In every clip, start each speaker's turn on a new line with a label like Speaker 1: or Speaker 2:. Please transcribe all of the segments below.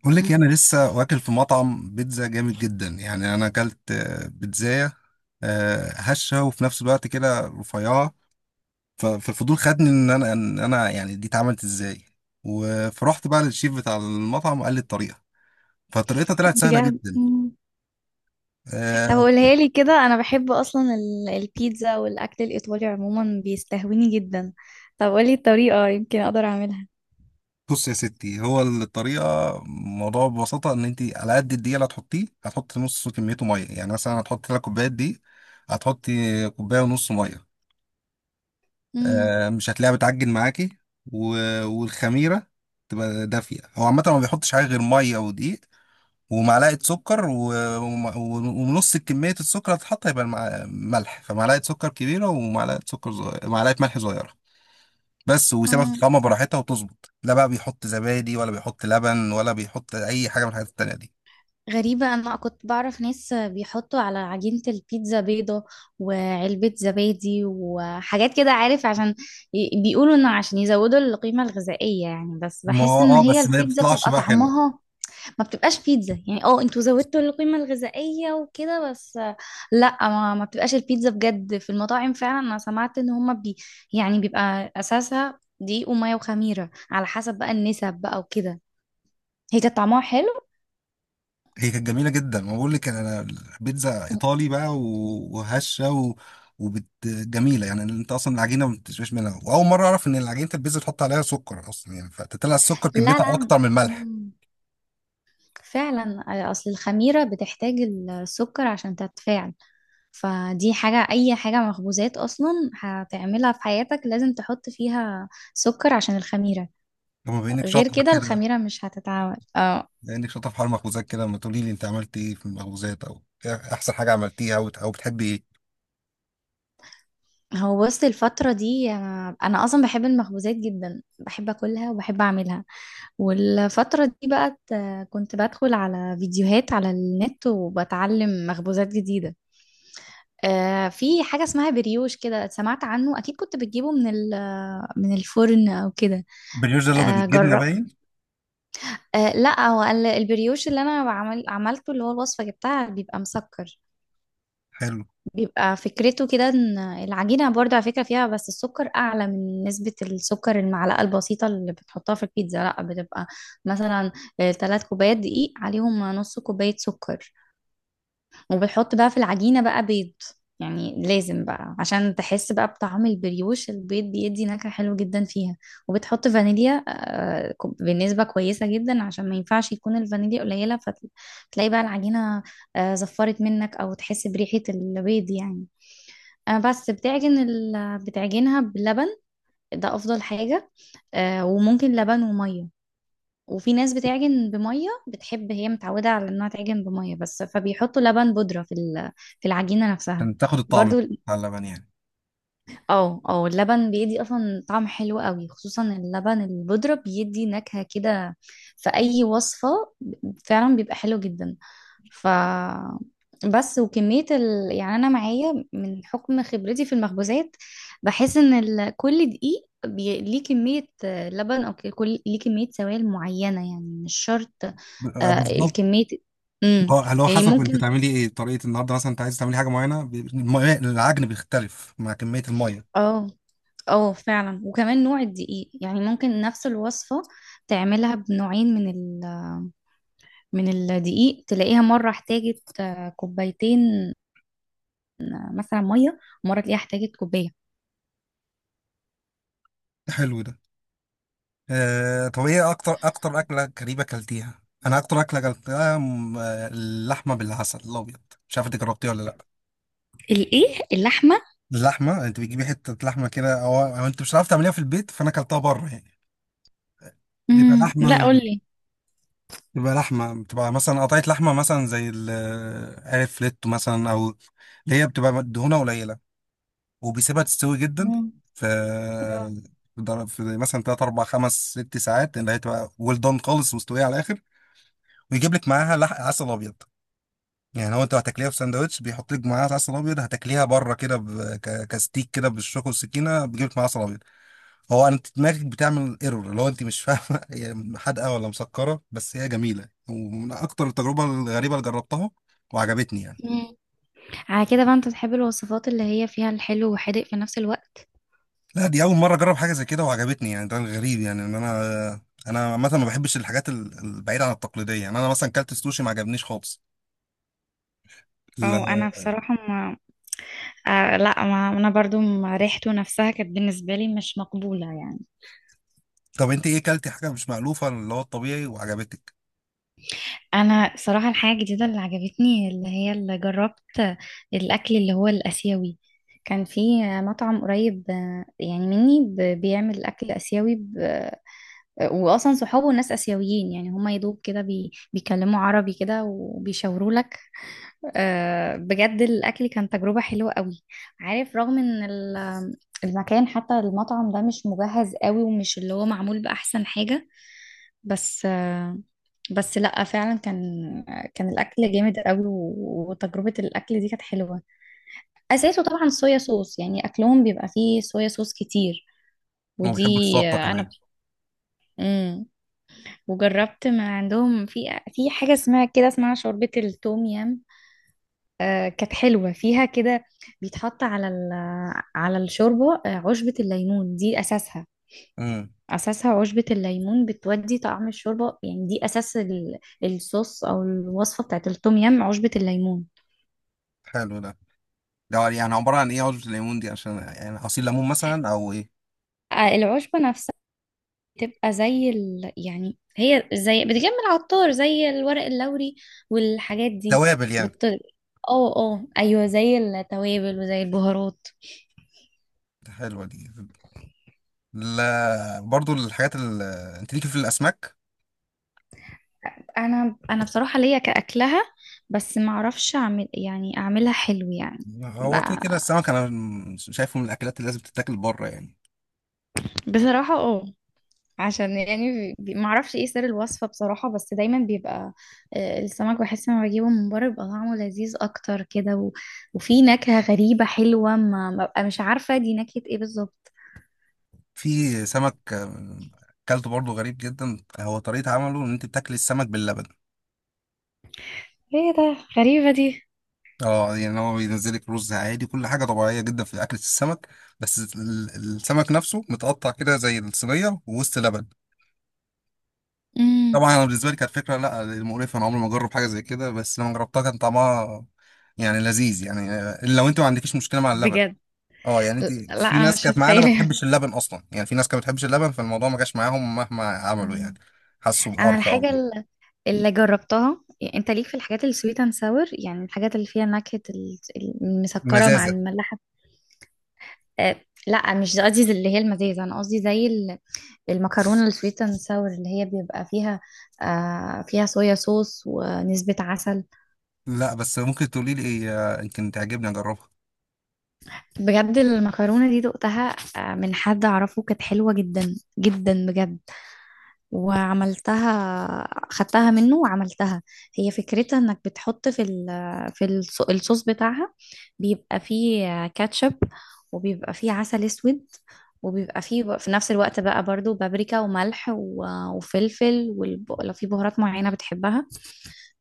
Speaker 1: بقول لك إيه، انا لسه واكل في مطعم بيتزا جامد جدا. انا اكلت بيتزايه هشه وفي نفس الوقت كده رفيعه. ف- فالفضول خدني ان انا ان انا دي اتعملت ازاي. و- فرحت بقى للشيف بتاع المطعم وقال لي الطريقه فطريقتها طلعت سهله
Speaker 2: بجد.
Speaker 1: جدا
Speaker 2: مم. طب
Speaker 1: آه،
Speaker 2: قولها لي كده، انا بحب اصلا البيتزا، والاكل الايطالي عموما بيستهويني جدا. طب قولي الطريقه يمكن اقدر اعملها.
Speaker 1: بص يا ستي، هو الطريقه الموضوع ببساطه ان انت على قد الدقيق اللي هتحطيه هتحطي نص كميته ميه. مثلا هتحطي ثلاث كوبايات دي، هتحطي كوبايه ونص ميه.
Speaker 2: امم
Speaker 1: مش هتلاقيها بتعجن معاكي، و... والخميرة تبقى دافية. هو عامة ما بيحطش حاجة غير مية ودقيق ومعلقة سكر، و... وم- ونص كمية السكر هتتحط هيبقى المع... ملح فمعلقة سكر كبيرة ومعلقة سكر صغيرة، معلقة ملح صغيرة بس، ويسيبها
Speaker 2: امم
Speaker 1: تتقمى براحتها وتظبط. لا بقى بيحط زبادي ولا بيحط لبن ولا بيحط أي حاجة من الحاجات التانية دي.
Speaker 2: غريبة، أنا كنت بعرف ناس بيحطوا على عجينة البيتزا بيضة وعلبة زبادي وحاجات كده، عارف، عشان بيقولوا إنه عشان يزودوا القيمة الغذائية يعني، بس
Speaker 1: ما
Speaker 2: بحس
Speaker 1: هو
Speaker 2: إن
Speaker 1: اه،
Speaker 2: هي
Speaker 1: بس ما
Speaker 2: البيتزا
Speaker 1: بتطلعش
Speaker 2: بيبقى
Speaker 1: بقى حلوة.
Speaker 2: طعمها ما بتبقاش بيتزا يعني. اه انتوا زودتوا القيمة الغذائية وكده، بس لا. ما بتبقاش البيتزا بجد. في المطاعم فعلا انا سمعت ان هما يعني بيبقى اساسها دقيق ومية وخميرة، على حسب بقى النسب بقى وكده. هي كانت طعمها حلو.
Speaker 1: هي كانت جميله جدا، ما بقول لك انا، بيتزا ايطالي بقى، و- وهشه وبت جميله. انت اصلا العجينه ما بتشبهش منها، واول مره اعرف ان العجينه البيتزا تحط عليها سكر اصلا. فتطلع السكر
Speaker 2: لا
Speaker 1: كميتها
Speaker 2: لا.
Speaker 1: اكتر من الملح.
Speaker 2: مم. فعلا اصل الخميرة بتحتاج السكر عشان تتفاعل. فدي حاجة، أي حاجة مخبوزات أصلا هتعملها في حياتك لازم تحط فيها سكر عشان الخميرة،
Speaker 1: لما بينك
Speaker 2: غير
Speaker 1: شاطر
Speaker 2: كده
Speaker 1: كده،
Speaker 2: الخميرة مش هتتعمل، اه.
Speaker 1: بينك شاطر في حوار المخبوزات كده، ما تقولي لي انت عملت ايه في المخبوزات، او إيه احسن حاجه عملتيها، او بتحبي ايه؟
Speaker 2: هو بص، الفترة دي أنا أصلا بحب المخبوزات جدا، بحب أكلها وبحب أعملها. والفترة دي بقى كنت بدخل على فيديوهات على النت وبتعلم مخبوزات جديدة. آه، في حاجة اسمها بريوش كده، سمعت عنه أكيد. كنت بتجيبه من من الفرن أو كده.
Speaker 1: البريوش ده اللي هو
Speaker 2: آه
Speaker 1: بالجبنه
Speaker 2: جرب.
Speaker 1: باين؟
Speaker 2: آه لا، هو البريوش اللي أنا عملته، اللي هو الوصفة جبتها، بيبقى مسكر.
Speaker 1: حلو.
Speaker 2: بيبقى فكرته كده، ان العجينة برضه على فكرة فيها بس السكر اعلى من نسبة السكر، المعلقة البسيطة اللي بتحطها في البيتزا لا بتبقى مثلا ثلاث كوبايات دقيق عليهم نص كوباية سكر. وبتحط بقى في العجينة بقى بيض، يعني لازم بقى عشان تحس بقى بطعم البريوش، البيض بيدي نكهة حلوة جدا فيها. وبتحط فانيليا بنسبة كويسة جدا، عشان ما ينفعش يكون الفانيليا قليلة فتلاقي بقى العجينة زفرت منك او تحس بريحة البيض يعني. أنا بس بتعجن بتعجنها بلبن، ده أفضل حاجة. آه، وممكن لبن ومية. وفي ناس بتعجن بمية، بتحب هي متعودة على إنها تعجن بمية بس، فبيحطوا لبن بودرة في في العجينة نفسها.
Speaker 1: عشان تاخد الطعم
Speaker 2: برضو
Speaker 1: بتاع اللبن يعني؟
Speaker 2: اه اه اللبن بيدي أصلا طعم حلو قوي، خصوصا اللبن البودرة بيدي نكهة كده في أي وصفة، فعلا بيبقى حلو جدا. ف بس وكمية يعني أنا معايا من حكم خبرتي في المخبوزات، بحس إن كل دقيق ليه كمية لبن، أو كل ليه كمية سوائل معينة يعني، مش شرط. آه.
Speaker 1: بالظبط.
Speaker 2: الكمية. امم
Speaker 1: اه، اللي هو
Speaker 2: يعني
Speaker 1: حسب انت
Speaker 2: ممكن.
Speaker 1: تعملي ايه طريقه النهارده، مثلا انت عايز تعملي حاجه معينه، العجن بيختلف مع كميه الميه.
Speaker 2: اه. اه فعلا، وكمان نوع الدقيق يعني ممكن نفس الوصفة تعملها بنوعين من من الدقيق، تلاقيها مرة احتاجت كوبايتين مثلا مية، ومرة تلاقيها احتاجت كوباية.
Speaker 1: حلو ده. آه، طب ايه اكتر اكله غريبه اكلتيها؟ انا اكتر اكله اكلتها اللحمه بالعسل الابيض، مش عارف انت جربتيها ولا لا.
Speaker 2: الايه؟ اللحمة؟
Speaker 1: اللحمه، انت بتجيبي حته لحمه كده، او انت مش عارف تعمليها في البيت، فانا اكلتها بره يعني. بيبقى
Speaker 2: لا،
Speaker 1: لحمة
Speaker 2: قولي.
Speaker 1: بيبقى لحمة، بتبقى مثلا قطعة لحمة، مثلا زي عارف، فليتو مثلا، أو اللي هي بتبقى دهونها قليلة، وبيسيبها تستوي جدا
Speaker 2: مم.
Speaker 1: ف في مثلا 3 4 5 6 ساعات، اللي هي تبقى ويل دون خالص، مستويه على الاخر، ويجيب لك معاها لحق عسل ابيض. يعني هو، انت هتاكليها في ساندوتش بيحط لك معاها عسل ابيض، هتاكليها بره كده كستيك كده بالشوكه والسكينه بيجيب لك معاها عسل ابيض. هو انت دماغك بتعمل ايرور اللي هو انت مش فاهمه هي حادقه ولا مسكره، بس هي جميله ومن اكتر التجربه الغريبه اللي جربتها وعجبتني يعني.
Speaker 2: مم. على كده بقى انت بتحب الوصفات اللي هي فيها الحلو وحادق في نفس الوقت؟
Speaker 1: لا، دي اول مره اجرب حاجه زي كده وعجبتني يعني. ده غريب يعني، ان انا انا عامه ما بحبش الحاجات البعيده عن التقليديه. يعني انا مثلا كلت السوشي ما عجبنيش خالص،
Speaker 2: او
Speaker 1: لا.
Speaker 2: انا بصراحه ما. آه لا، ما انا برضو ما ريحته نفسها كانت بالنسبه لي مش مقبوله يعني.
Speaker 1: طب انت ايه كلتي حاجه مش مألوفه اللي هو الطبيعي وعجبتك؟
Speaker 2: انا صراحه الحاجه الجديده اللي عجبتني اللي هي اللي جربت، الاكل اللي هو الاسيوي. كان في مطعم قريب يعني مني، بيعمل اكل اسيوي واصلا صحابه ناس اسيويين يعني، هما يدوب كده بيكلموا عربي كده وبيشاوروا. بجد الأكل كان تجربة حلوة قوي. عارف رغم إن المكان، حتى المطعم ده مش مجهز قوي ومش اللي هو معمول بأحسن حاجة، بس بس لأ فعلا كان الأكل جامد قوي، وتجربة الأكل دي كانت حلوة. أساسه طبعا صويا صوص، يعني أكلهم بيبقى فيه صويا صوص كتير
Speaker 1: هو
Speaker 2: ودي
Speaker 1: بيحب السلطه
Speaker 2: أنا.
Speaker 1: كمان.
Speaker 2: مم. وجربت من عندهم في حاجة اسمها كده، اسمها شوربة التوم يام، كانت حلوة فيها كده. بيتحط على على الشوربة عشبة الليمون دي أساسها.
Speaker 1: امم.
Speaker 2: أساسها عشبة الليمون بتودي طعم الشوربة، يعني دي أساس الصوص أو الوصفة بتاعت التوم يام، عشبة الليمون.
Speaker 1: حلو ده. ده يعني عبارة عن ايه؟ عصرة الليمون دي؟ عشان يعني عصير ليمون مثلا او ايه؟
Speaker 2: العشبة نفسها بتبقى زي يعني هي زي بتجمع العطار، زي الورق اللوري والحاجات دي
Speaker 1: توابل يعني.
Speaker 2: بت... اه اه ايوه، زي التوابل وزي البهارات.
Speaker 1: حلوه دي. لا برضو انت ليكي في الاسماك.
Speaker 2: انا بصراحه ليا كاكلها، بس ما اعرفش اعمل يعني اعملها حلو يعني. ب-
Speaker 1: هو كده كده السمك انا شايفه من الاكلات اللي لازم تتاكل بره يعني.
Speaker 2: بصراحه اه، عشان يعني ما اعرفش ايه سر الوصفه بصراحه، بس دايما بيبقى السمك بحس لما بجيبه من بره بيبقى طعمه لذيذ اكتر كده، وفي نكهه غريبه حلوه ما ببقى مش عارفه دي نكهه ايه بالظبط.
Speaker 1: في سمك اكلته برضه غريب جدا، هو طريقة عمله ان انت بتاكل السمك باللبن.
Speaker 2: ايه ده، غريبه دي.
Speaker 1: اه، يعني هو بينزلك رز عادي، كل حاجة طبيعية جدا في اكلة السمك، بس السمك نفسه متقطع كده زي الصينية ووسط لبن.
Speaker 2: امم
Speaker 1: طبعا انا بالنسبة لي كانت فكرة لا، مقرفة، انا عمري ما اجرب حاجة زي كده، بس لما جربتها كان طعمها يعني لذيذ يعني. لو انت ما عندكيش مشكلة مع اللبن.
Speaker 2: بجد.
Speaker 1: اه، يعني انت،
Speaker 2: لا
Speaker 1: في
Speaker 2: انا
Speaker 1: ناس
Speaker 2: مش
Speaker 1: كانت معانا ما
Speaker 2: متخيله.
Speaker 1: بتحبش اللبن اصلا، يعني في ناس كانت ما بتحبش اللبن فالموضوع ما جاش معاهم مهما عملوا. يعني حسوا
Speaker 2: انا
Speaker 1: بقرفة او
Speaker 2: الحاجه اللي جربتها يعني، انت ليك في الحاجات السويت اند ساور، يعني الحاجات اللي فيها نكهه المسكره مع
Speaker 1: مزازة.
Speaker 2: المملحه. أه، لا مش قصدي زي اللي هي المزازه، انا قصدي زي المكرونه السويت اند ساور اللي هي بيبقى فيها، فيها صويا صوص ونسبه عسل.
Speaker 1: لا بس ممكن تقولي لي ايه، يمكن تعجبني اجربها.
Speaker 2: بجد المكرونه دي دقتها، آه، من حد اعرفه كانت حلوه جدا جدا بجد، وعملتها خدتها منه وعملتها. هي فكرتها انك بتحط في الصوص بتاعها، بيبقى فيه كاتشب، وبيبقى فيه عسل اسود، وبيبقى فيه في نفس الوقت بقى برضو بابريكا وملح وفلفل، ولو في بهارات معينة بتحبها.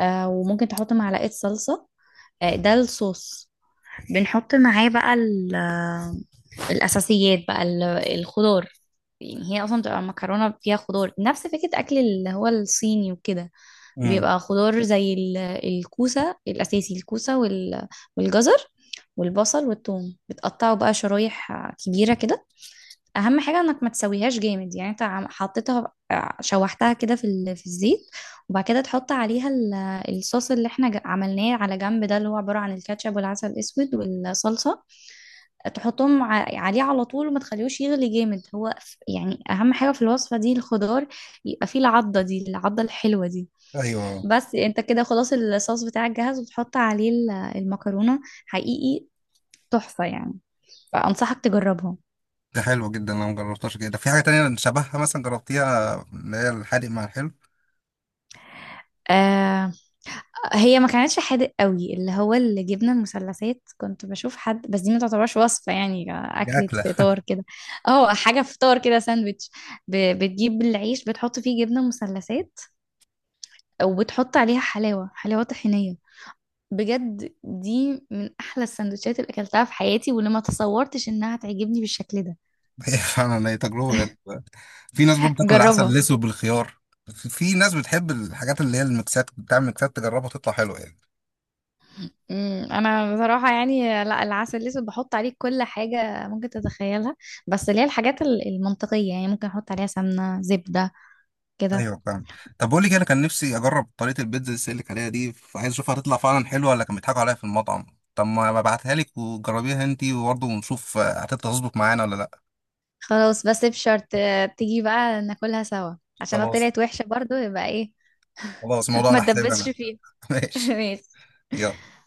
Speaker 2: وممكن تحط معلقة صلصة. ده الصوص. بنحط معاه بقى الأساسيات بقى الخضار. يعني هي اصلا بتبقى مكرونه فيها خضار، نفس فكره اكل اللي هو الصيني وكده.
Speaker 1: امم.
Speaker 2: بيبقى خضار زي الكوسه الاساسي، الكوسه والجزر والبصل والثوم بتقطعه بقى شرايح كبيره كده. اهم حاجه انك ما تسويهاش جامد. يعني انت حطيتها شوحتها كده في في الزيت، وبعد كده تحط عليها الصوص اللي احنا عملناه على جنب ده، اللي هو عباره عن الكاتشب والعسل الاسود والصلصه، تحطهم عليه على طول وما تخليهوش يغلي جامد، هو يعني اهم حاجة في الوصفة دي الخضار، يبقى فيه العضة دي، العضة الحلوة دي.
Speaker 1: ايوه.
Speaker 2: بس انت كده خلاص الصوص بتاعك جاهز، وتحط عليه المكرونة. حقيقي تحفة يعني. فأنصحك تجربها.
Speaker 1: ده حلو جدا، انا ما جربتهاش. كده في حاجه تانية شبهها مثلا جربتيها، اللي هي الحادق مع الحلو؟
Speaker 2: آه، هي ما كانتش حادق قوي، اللي هو الجبنة المثلثات كنت بشوف حد، بس دي ما تعتبرش وصفة، يعني
Speaker 1: دي
Speaker 2: أكلة
Speaker 1: اكله.
Speaker 2: فطار كده. اه، حاجة فطار كده، ساندويتش. بتجيب العيش بتحط فيه جبنة مثلثات، وبتحط عليها حلاوة طحينية. بجد دي من أحلى السندوتشات اللي أكلتها في حياتي، واللي ما تصورتش إنها تعجبني بالشكل ده.
Speaker 1: هي فعلا، هي تجربه غريبه. في ناس برضه بتاكل العسل
Speaker 2: جربها.
Speaker 1: الاسود بالخيار. في في ناس بتحب الحاجات اللي هي الميكسات، بتعمل ميكسات تجربها تطلع حلوه يعني.
Speaker 2: انا بصراحه يعني لا، العسل الاسود بحط عليه كل حاجه ممكن تتخيلها، بس اللي هي الحاجات المنطقيه، يعني ممكن احط عليها سمنه، زبده كده.
Speaker 1: ايوه فاهم. طب بقول لك إيه، انا كان نفسي اجرب طريقه البيتزا اللي لك عليها دي، فعايز اشوفها هتطلع فعلا حلوه ولا كانوا بيضحكوا عليها في المطعم. طب ما ببعتها لك وجربيها انتي وبرضه ونشوف هتطلع تظبط معانا ولا لا.
Speaker 2: خلاص، بس بشرط تيجي بقى ناكلها سوا، عشان لو
Speaker 1: خلاص.
Speaker 2: طلعت وحشه برضو يبقى ايه.
Speaker 1: خلاص، الموضوع
Speaker 2: ما
Speaker 1: على حسابي
Speaker 2: تدبسش
Speaker 1: انا.
Speaker 2: فيها.
Speaker 1: ماشي.
Speaker 2: ماشي.
Speaker 1: يلا.